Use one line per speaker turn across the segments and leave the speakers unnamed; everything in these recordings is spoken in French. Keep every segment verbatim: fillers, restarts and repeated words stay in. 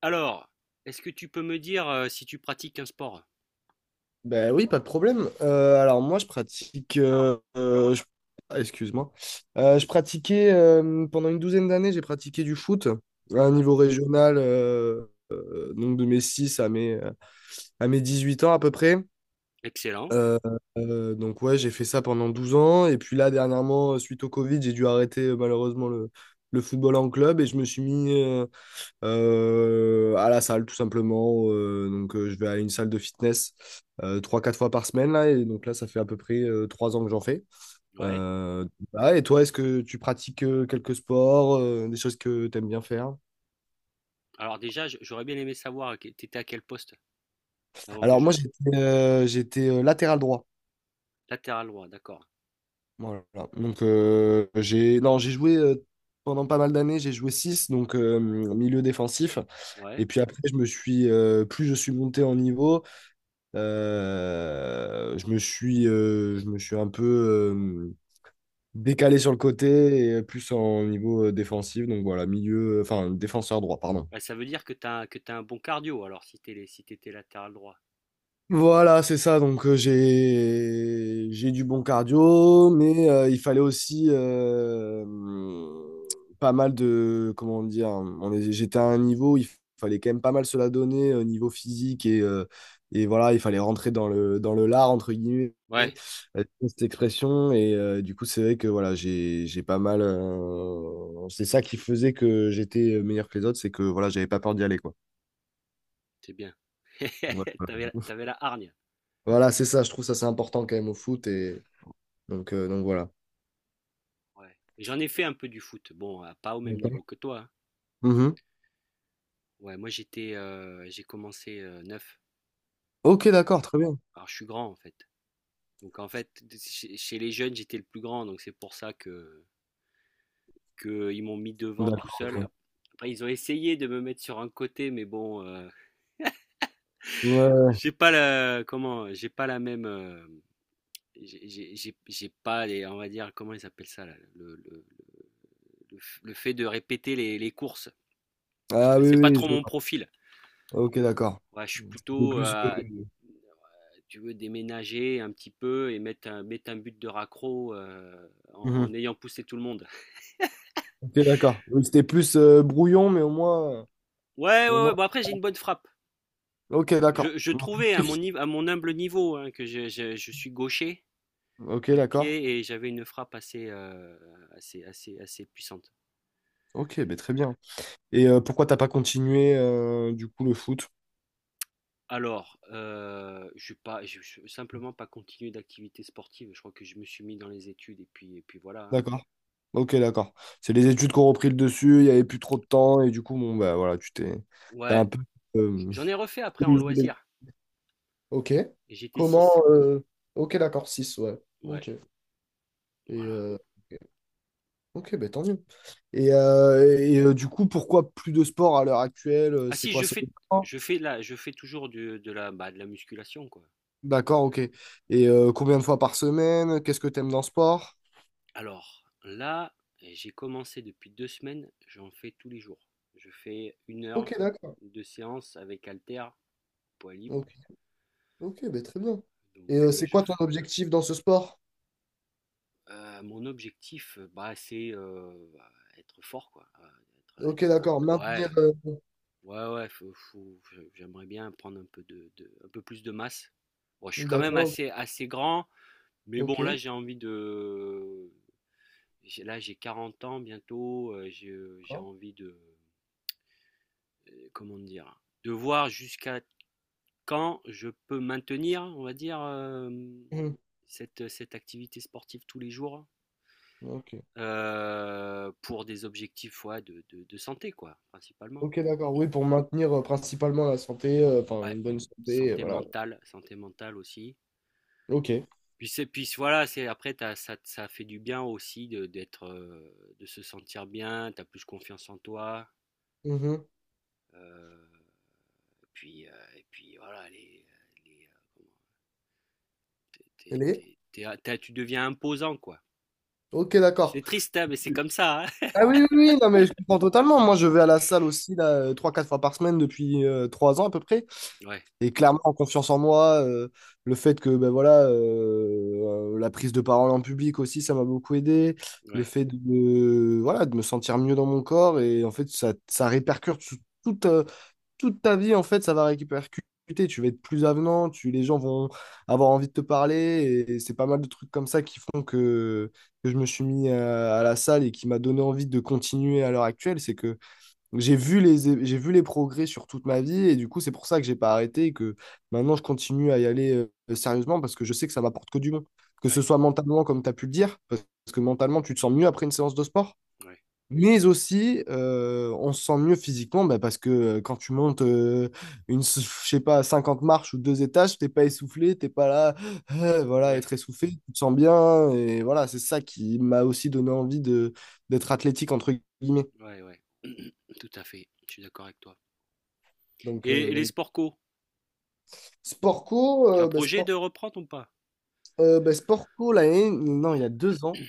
Alors, est-ce que tu peux me dire, heu, si tu pratiques un sport?
Ben oui, pas de problème. Euh, alors moi, je pratique. Euh, euh, je- ah, Excuse-moi. Euh, je pratiquais euh, pendant une douzaine d'années, j'ai pratiqué du foot à un
Ouais,
niveau régional, euh, euh, donc de mes six à mes, à mes dix huit ans à peu près.
excellent,
Euh, euh, donc ouais, j'ai fait ça pendant douze ans. Et puis là, dernièrement, suite au Covid, j'ai dû arrêter euh, malheureusement le, le football en club et je me suis mis euh, euh, à la salle tout simplement. Euh, donc euh, je vais à une salle de fitness euh, trois, quatre fois par semaine là, et donc là ça fait à peu près euh, trois ans que j'en fais.
ouais.
Euh, ah, et toi, est-ce que tu pratiques euh, quelques sports, euh, des choses que tu aimes bien faire?
Alors déjà, je j'aurais bien aimé savoir que t'étais à quel poste avant que
Alors
je
moi j'étais euh, j'étais euh, latéral droit.
latéral droit, d'accord,
Voilà. Donc euh, j'ai non j'ai joué euh, pendant pas mal d'années, j'ai joué six, donc euh, milieu défensif.
ouais.
Et puis après, je me suis euh, plus je suis monté en niveau. Euh, je me suis, euh, je me suis un peu euh, décalé sur le côté et plus en niveau euh, défensif. Donc voilà, milieu, enfin défenseur droit, pardon.
Bah, ça veut dire que t'as que t'as un bon cardio alors si t'es si t'étais latéral droit.
Voilà, c'est ça. Donc euh, j'ai j'ai du bon cardio, mais euh, il fallait aussi euh, pas mal de, comment dire. On est- j'étais à un niveau où il fallait quand même pas mal se la donner au niveau physique et euh, et voilà, il fallait rentrer dans le dans le lard, entre guillemets,
Ouais,
euh, cette expression. Et euh, du coup, c'est vrai que voilà, j'ai j'ai pas mal, euh, c'est ça qui faisait que j'étais meilleur que les autres, c'est que voilà, j'avais pas peur d'y aller, quoi.
c'est bien.
Ouais, voilà.
T'avais t'avais la hargne,
Voilà, c'est ça. Je trouve ça, c'est important quand même au foot. Et donc, euh, donc voilà.
ouais. J'en ai fait un peu du foot, bon, heu, pas au même
D'accord.
niveau que toi, hein.
Mhm.
Ouais, moi j'étais, heu, j'ai commencé, heu, neuf,
Ok, d'accord,
heu,
très bien.
alors je suis grand en fait. Donc en fait, chez chez les jeunes, j'étais le plus grand, donc c'est pour ça que qu'ils m'ont mis devant tout
D'accord,
seul.
ok.
Après, ils ont essayé de me mettre sur un côté, mais bon, euh,
Ouais.
j'ai pas la, comment, j'ai pas la même, euh, j'ai- j'ai j'ai- j'ai pas les, on va dire, comment ils appellent ça, là, le, le- le f- le fait de répéter les, les courses. Si tu
Ah
veux,
oui,
c'est pas
oui,
trop
je vois.
mon profil.
Ok, d'accord.
Ouais, je suis
C'était
plutôt,
plus,
euh,
euh,
tu veux, déménager un petit peu et mettre un, mettre un but de raccro euh, en, en
mhm.
ayant poussé tout le monde.
Ok, d'accord. Oui, c'était plus euh, brouillon, mais au moins.
Ouais,
Mais au
ouais,
moins...
ouais. Bon, après, j'ai une bonne frappe.
Ok, d'accord.
Je, je trouvais à mon,
Précis.
nive- à mon humble niveau hein, que je, je- je suis gaucher
Ok,
du
d'accord.
pied et j'avais une frappe assez, euh, assez, assez, assez puissante.
Ok, ben très bien. Et euh, pourquoi t'as pas continué euh, du coup le foot?
Alors, euh, je suis pas, je, je- simplement pas continué d'activité sportive. Je crois que je me suis mis dans les études et puis, et puis voilà, hein.
D'accord. Ok, d'accord. C'est les études qui ont repris le dessus, il n'y avait plus trop de temps, et du coup, bon, bah voilà, tu t'es. T'as
Ouais,
un peu. euh,
j'en ai refait après en loisir.
Ok.
Et j'étais
Comment
six.
euh, Ok, d'accord, six ouais.
Ouais,
Ok. Et
voilà.
euh, ok, ben tant mieux. Et, euh, et euh, du coup, pourquoi plus de sport à l'heure actuelle? euh,
Ah
C'est
si,
quoi
je
ce
fais,
sport?
je fais là, je fais toujours du- de la, bah, de la musculation quoi.
D'accord, ok. Et euh, combien de fois par semaine? Qu'est-ce que tu aimes dans le sport?
Alors là, j'ai commencé depuis deux semaines. J'en fais tous les jours. Je fais une heure
Ok, d'accord.
de séance avec haltère, poids libre.
Ok, ok, ben très bien. Et
Donc
euh,
euh,
c'est
je.
quoi ton objectif dans ce sport?
Heu, mon objectif, euh, bah, c'est, heu, bah, être fort quoi, heu, être
Ok,
être,
d'accord.
heu,
Maintenir,
ouais,
euh,
ouais, ouais, faut faut j'aimerais bien prendre un peu de de un peu plus de masse. Bon, je suis quand même
d'accord.
assez assez grand, mais
Ok,
bon là j'ai envie de j'ai là j'ai 40 ans bientôt, heu, j'ai, j'ai
d'accord.
envie de, heu, comment dire? De voir jusqu'à quand je peux maintenir, on va dire, hem,
Mhm.
cette, cette activité sportive tous les jours.
Ok.
Heu, pour des objectifs, ouais, de de de santé, quoi, principalement.
Ok, d'accord. Oui, pour maintenir euh, principalement la santé, euh, enfin
Ouais,
une bonne santé, euh,
santé
voilà.
mentale santé mentale aussi.
Ok.
Puis c'est puis voilà, c'est après t'as ça ça fait du bien aussi de d'être, heu, de se sentir bien, tu as plus confiance en toi,
Mhm.
heu, puis, heu, et puis voilà les, les, heu, comment tu es
Elle est?
tu es tu tu deviens imposant, quoi.
Ok, d'accord.
C'est triste, hein, mais c'est comme ça, hein.
Ah oui, oui, oui, non, mais je comprends totalement. Moi, je vais à la salle aussi, là, euh, trois, quatre fois par semaine depuis euh, trois ans à peu près.
Ouais,
Et clairement, en confiance en moi, euh, le fait que, ben voilà, euh, euh, la prise de parole en public aussi, ça m'a beaucoup aidé. Le
ouais,
fait de, de- Voilà, de me sentir mieux dans mon corps. Et en fait, ça, ça répercute sur tout, toute ta vie. En fait, ça va répercuter. Tu vas être plus avenant, tu, les gens vont avoir envie de te parler. Et c'est pas mal de trucs comme ça qui font que, que je me suis mis euh, à, la salle, et qui m'a donné envie de continuer à l'heure actuelle. C'est que j'ai vu les, j'ai vu les progrès sur toute ma vie. Et du coup, c'est pour ça que j'ai pas arrêté et que maintenant, je continue à y aller euh, sérieusement, parce que je sais que ça m'apporte que du bon. Que ce
ouais,
soit mentalement, comme tu as pu le dire, parce que mentalement, tu te sens mieux après une séance de sport.
ouais,
Mais aussi, euh, on se sent mieux physiquement, bah, parce que euh, quand tu montes euh, une, s- je sais pas, cinquante marches ou deux étages, t'es pas essoufflé, t'es pas là, euh, voilà,
ouais,
être essoufflé, tu te sens bien. Et voilà, c'est ça qui m'a aussi donné envie de d'être athlétique, entre guillemets.
ouais, ouais. Tout à fait, je suis d'accord avec toi.
Donc,
Et
euh,
et les
donc,
sports co?
sport co,
Tu as
euh, bah,
projet
sport,
de reprendre ou pas?
euh, bah, sport co, l'année, non, il y a deux ans.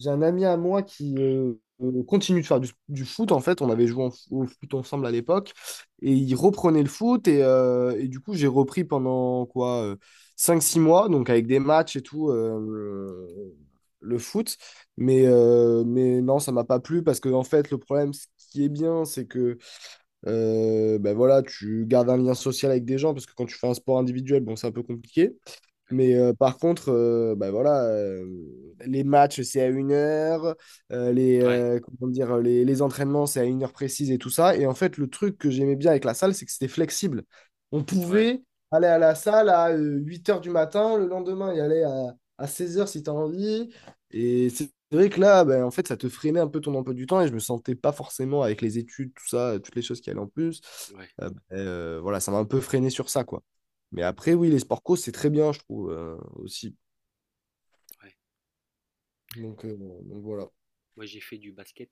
J'ai un ami à moi qui euh, euh, continue de faire du, du foot. En fait, on avait joué en f- au foot ensemble à l'époque. Et il reprenait le foot. Et, euh, et du coup, j'ai repris pendant quoi, euh, cinq six mois, donc avec des matchs et tout, euh, le foot. Mais, euh, mais non, ça m'a pas plu, parce que, en fait, le problème, ce qui est bien, c'est que euh, ben voilà, tu gardes un lien social avec des gens, parce que quand tu fais un sport individuel, bon, c'est un peu compliqué.
Ouais,
Mais euh, par contre, euh, bah voilà, euh, les matchs, c'est à une heure, euh, les,
ouais,
euh, comment dire, les, les entraînements, c'est à une heure précise et tout ça. Et en fait, le truc que j'aimais bien avec la salle, c'est que c'était flexible. On
ouais,
pouvait aller à la salle à euh, huit heures du matin, le lendemain, y aller à, à seize heures si tu as envie. Et c'est vrai que là, bah, en fait, ça te freinait un peu ton emploi du temps et je me sentais pas forcément, avec les études, tout ça, toutes les choses qui allaient en plus.
ouais,
Euh, bah, euh, voilà, ça m'a un peu freiné sur ça, quoi. Mais après, oui, les sports co, c'est très bien, je trouve, euh, aussi.
ouais.
Donc, euh, bon, donc voilà.
Moi, j'ai fait du basket.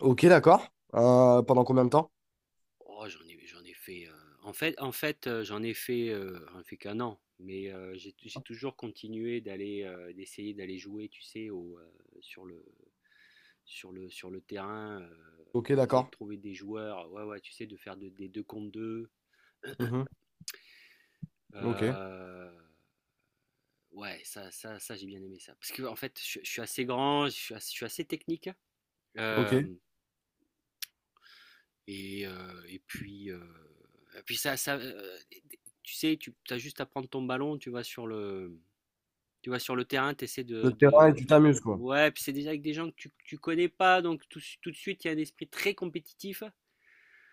Ok, d'accord. Euh, pendant combien de temps?
Oh, j'en ai, j'en ai fait. euh, en fait, en fait, euh, j'en ai fait, euh, j'en ai fait qu'un an. Mais euh, j'ai, j'ai toujours continué d'aller, euh, d'essayer d'aller jouer, tu sais, au, euh, sur le, sur le, sur le terrain, euh,
Ok,
d'essayer
d'accord.
de trouver des joueurs. Ouais, ouais, tu sais, de faire de- des deux contre deux.
Mhm. Ok,
Euh, ouais, ça, ça, ça, j'ai bien aimé ça. Parce que en fait, je, je suis assez grand, je suis, as- je suis assez technique, hein.
ok.
Euh, Et, euh, et puis, euh, et puis ça, ça, euh, tu sais, tu as juste à prendre ton ballon, tu vas sur le, tu vas sur le terrain, tu essaies
Le
de,
terrain et
de-
tu t'amuses, quoi.
Ouais, puis c'est déjà avec des gens que tu, que tu connais pas, donc tout, tout de suite, il y a un esprit très compétitif.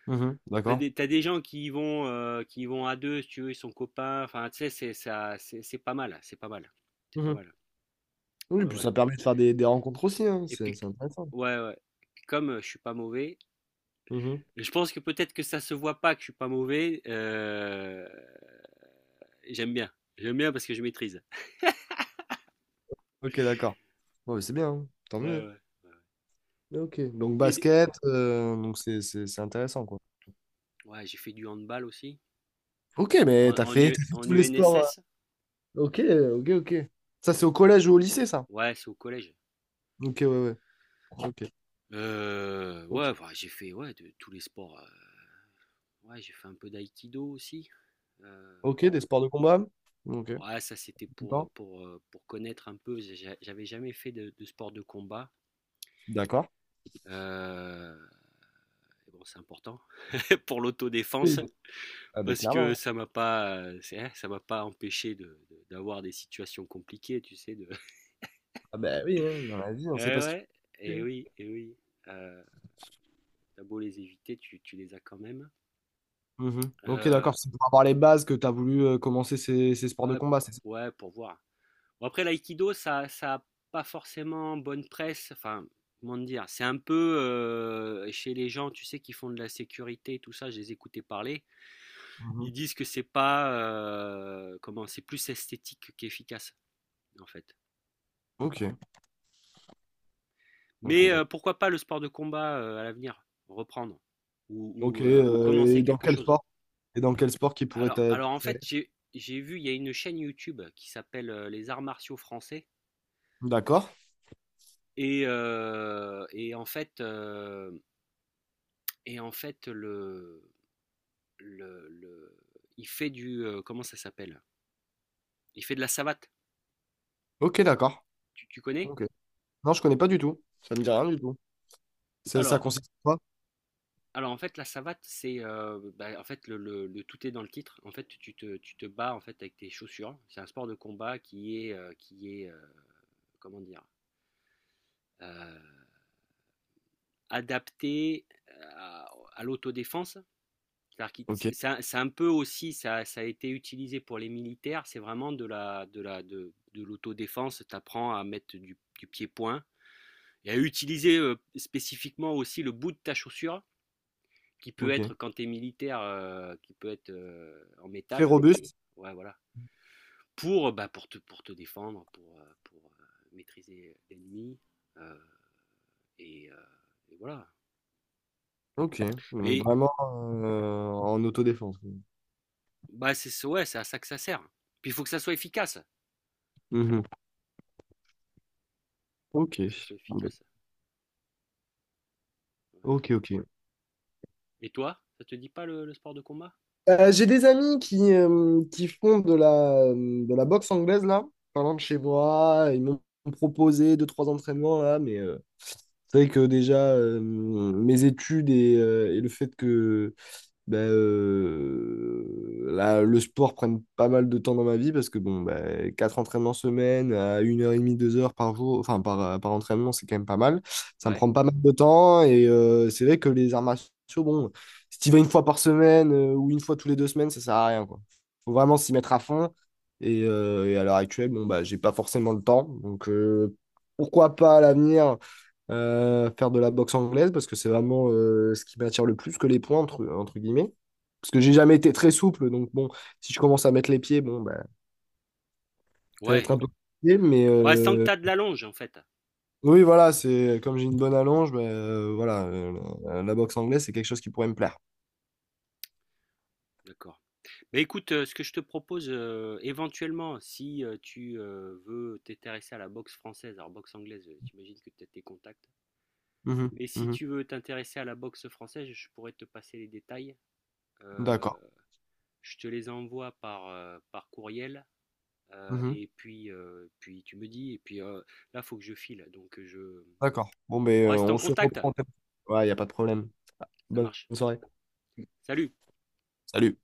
Mhm.
T'as
D'accord.
des, t'as des gens qui y vont, euh, qui y vont à deux, si tu veux, ils sont copains. Enfin, tu sais, c'est ça, c'est c'est pas mal, c'est pas mal, c'est pas
Mhm.
mal.
Oui,
Ouais,
puis
ouais.
ça permet de faire des, des rencontres aussi, hein.
Et
C'est
puis,
c'est intéressant.
ouais, ouais. Et puis comme euh, je suis pas mauvais.
Mhm.
Je pense que peut-être que ça se voit pas que je suis pas mauvais. euh, J'aime bien. J'aime bien parce que je maîtrise.
Ok, d'accord. Ouais, mais c'est bien, hein. Tant
Ouais,
mieux.
ouais.
Ok, donc
Et des-
basket, euh, donc c'est c'est- c'est intéressant, quoi.
Ouais, j'ai fait du handball aussi.
Ok, mais
En,
t'as
en,
fait,
U-
t'as fait
en
tous les sports, euh.
U N S S?
Ok, ok, ok. Ça, c'est au collège ou au lycée, ça?
Ouais, c'est au collège.
Ok, ouais, ouais. Ok,
Euh,
ok.
ouais, enfin, j'ai fait ouais, de, tous les sports. Euh, ouais, j'ai fait un peu d'aïkido aussi. Euh,
Ok, des sports de combat? Ok,
ouais, ça c'était pour,
d'accord?
pour, euh, pour connaître un peu. j'ai- J'avais jamais fait de, de sport de combat.
D'accord.
Euh, et bon, c'est important pour l'autodéfense.
Oui. Ah ben
Parce que
clairement.
ça m'a pas, euh, c'est- hein, ça m'a pas empêché de, de- d'avoir des situations compliquées, tu sais. De…
Ah ben oui, hein, dans la vie, on sait
Eh
pas ce qu'il
ouais, et
fait.
oui, et oui. Euh, t'as beau les éviter, tu, tu les as quand même.
Mhm. Ok,
Euh,
d'accord. C'est pour avoir les bases que tu as voulu euh, commencer ces, ces sports de
ouais,
combat, c'est ça?
ouais, pour voir. Bon, après, l'aïkido, ça, ça a pas forcément bonne presse. Enfin, comment te dire, c'est un peu euh, chez les gens, tu sais, qui font de la sécurité et tout ça. Je les écoutais parler. Ils
Mhm.
disent que c'est pas, euh, comment, c'est plus esthétique qu'efficace, en fait.
Ok, ok,
Mais euh,
d'accord.
pourquoi pas le sport de combat euh, à l'avenir, reprendre ou,
Ok,
ou, euh, ou
euh,
commencer
et dans
quelque
quel
chose.
sport? Et dans quel sport qui pourrait
Alors,
t'a-
alors en fait,
t'attirer?
j'ai j'ai vu, il y a une chaîne YouTube qui s'appelle euh, Les Arts Martiaux Français.
D'accord.
Et, euh, et en fait, euh, et en fait le, le, le- il fait du... euh, comment ça s'appelle? Il fait de la savate.
Ok, d'accord.
Tu, tu connais?
Ok. Non, je connais pas du tout. Ça me dit rien du tout. Ça, ça
Alors,
consiste en quoi?
Alors en fait, la savate, c'est euh, bah, en fait le, le- le tout est dans le titre. En fait, tu te, tu te bats en fait avec tes chaussures. C'est un sport de combat qui est euh, qui est euh, comment dire euh, adapté à, à l'autodéfense. C'est-à-dire qu'il-
Ok,
c'est c'est un, c'est un peu aussi ça, ça a été utilisé pour les militaires. C'est vraiment de la de la de, de l'autodéfense. T'apprends à mettre du, du pied-point et à utiliser euh, spécifiquement aussi le bout de ta chaussure qui peut
ok.
être quand tu es militaire, euh, qui peut être euh, en
Très
métal.
robuste,
Ouais, voilà. Pour, bah, pour, te, pour te défendre, pour, euh, pour euh, maîtriser l'ennemi. euh, et, euh, et voilà.
ok. Donc,
Mais
vraiment euh, en autodéfense.
bah, c'est ouais, c'est à ça que ça sert. Puis il faut que ça soit efficace.
Mhm. Ok.
Faut que ça soit
Bon, ben,
efficace. Ouais.
ok, ok.
Et toi, ça te dit pas le, le sport de combat?
Euh, j'ai des amis qui, euh, qui font de la, euh, de la boxe anglaise, là, par exemple chez moi. Ils m'ont proposé deux, trois entraînements, là, mais euh, c'est vrai que déjà, euh, mes études, et euh, et le fait que, ben, euh, la- le sport prenne pas mal de temps dans ma vie, parce que bon, ben, quatre entraînements semaine à une heure et demie, deux heures par jour, enfin par, euh, par entraînement, c'est quand même pas mal. Ça me
Ouais.
prend pas mal de temps, et euh, c'est vrai que les arts martiaux, bon, si tu vas une fois par semaine euh, ou une fois tous les deux semaines, ça sert à rien, quoi. Faut vraiment s'y mettre à fond et, euh, et à l'heure actuelle, bon, bah, j'ai pas forcément le temps. Donc euh, pourquoi pas à l'avenir euh, faire de la boxe anglaise, parce que c'est vraiment euh, ce qui m'attire le plus que les points, entre, entre guillemets. Parce que j'ai jamais été très souple, donc bon, si je commence à mettre les pieds, bon, bah, ça va être
Ouais.
un peu compliqué, mais
Bah, sans que
euh,
tu as de la longe, en fait.
oui, voilà, c'est comme j'ai une bonne allonge, bah, euh, voilà, euh, la, la boxe anglaise, c'est quelque chose qui pourrait me plaire.
D'accord. Mais écoute, euh, ce que je te propose euh, éventuellement, si euh, tu euh, veux t'intéresser à la boxe française, alors boxe anglaise, euh, j'imagine que tu as tes contacts.
Mhm,
Mais si
mhm.
tu veux t'intéresser à la boxe française, je pourrais te passer les détails. Euh,
D'accord.
je te les envoie par, euh, par courriel. Euh,
Mhm.
et puis, euh, puis tu me dis. Et puis euh, là, faut que je file. Donc je.
D'accord. Bon, ben,
On
euh,
reste
on
en
se
contact.
reprend. Ouais, il n'y a pas de problème.
Ça
Bonne
marche.
soirée.
Salut!
Salut.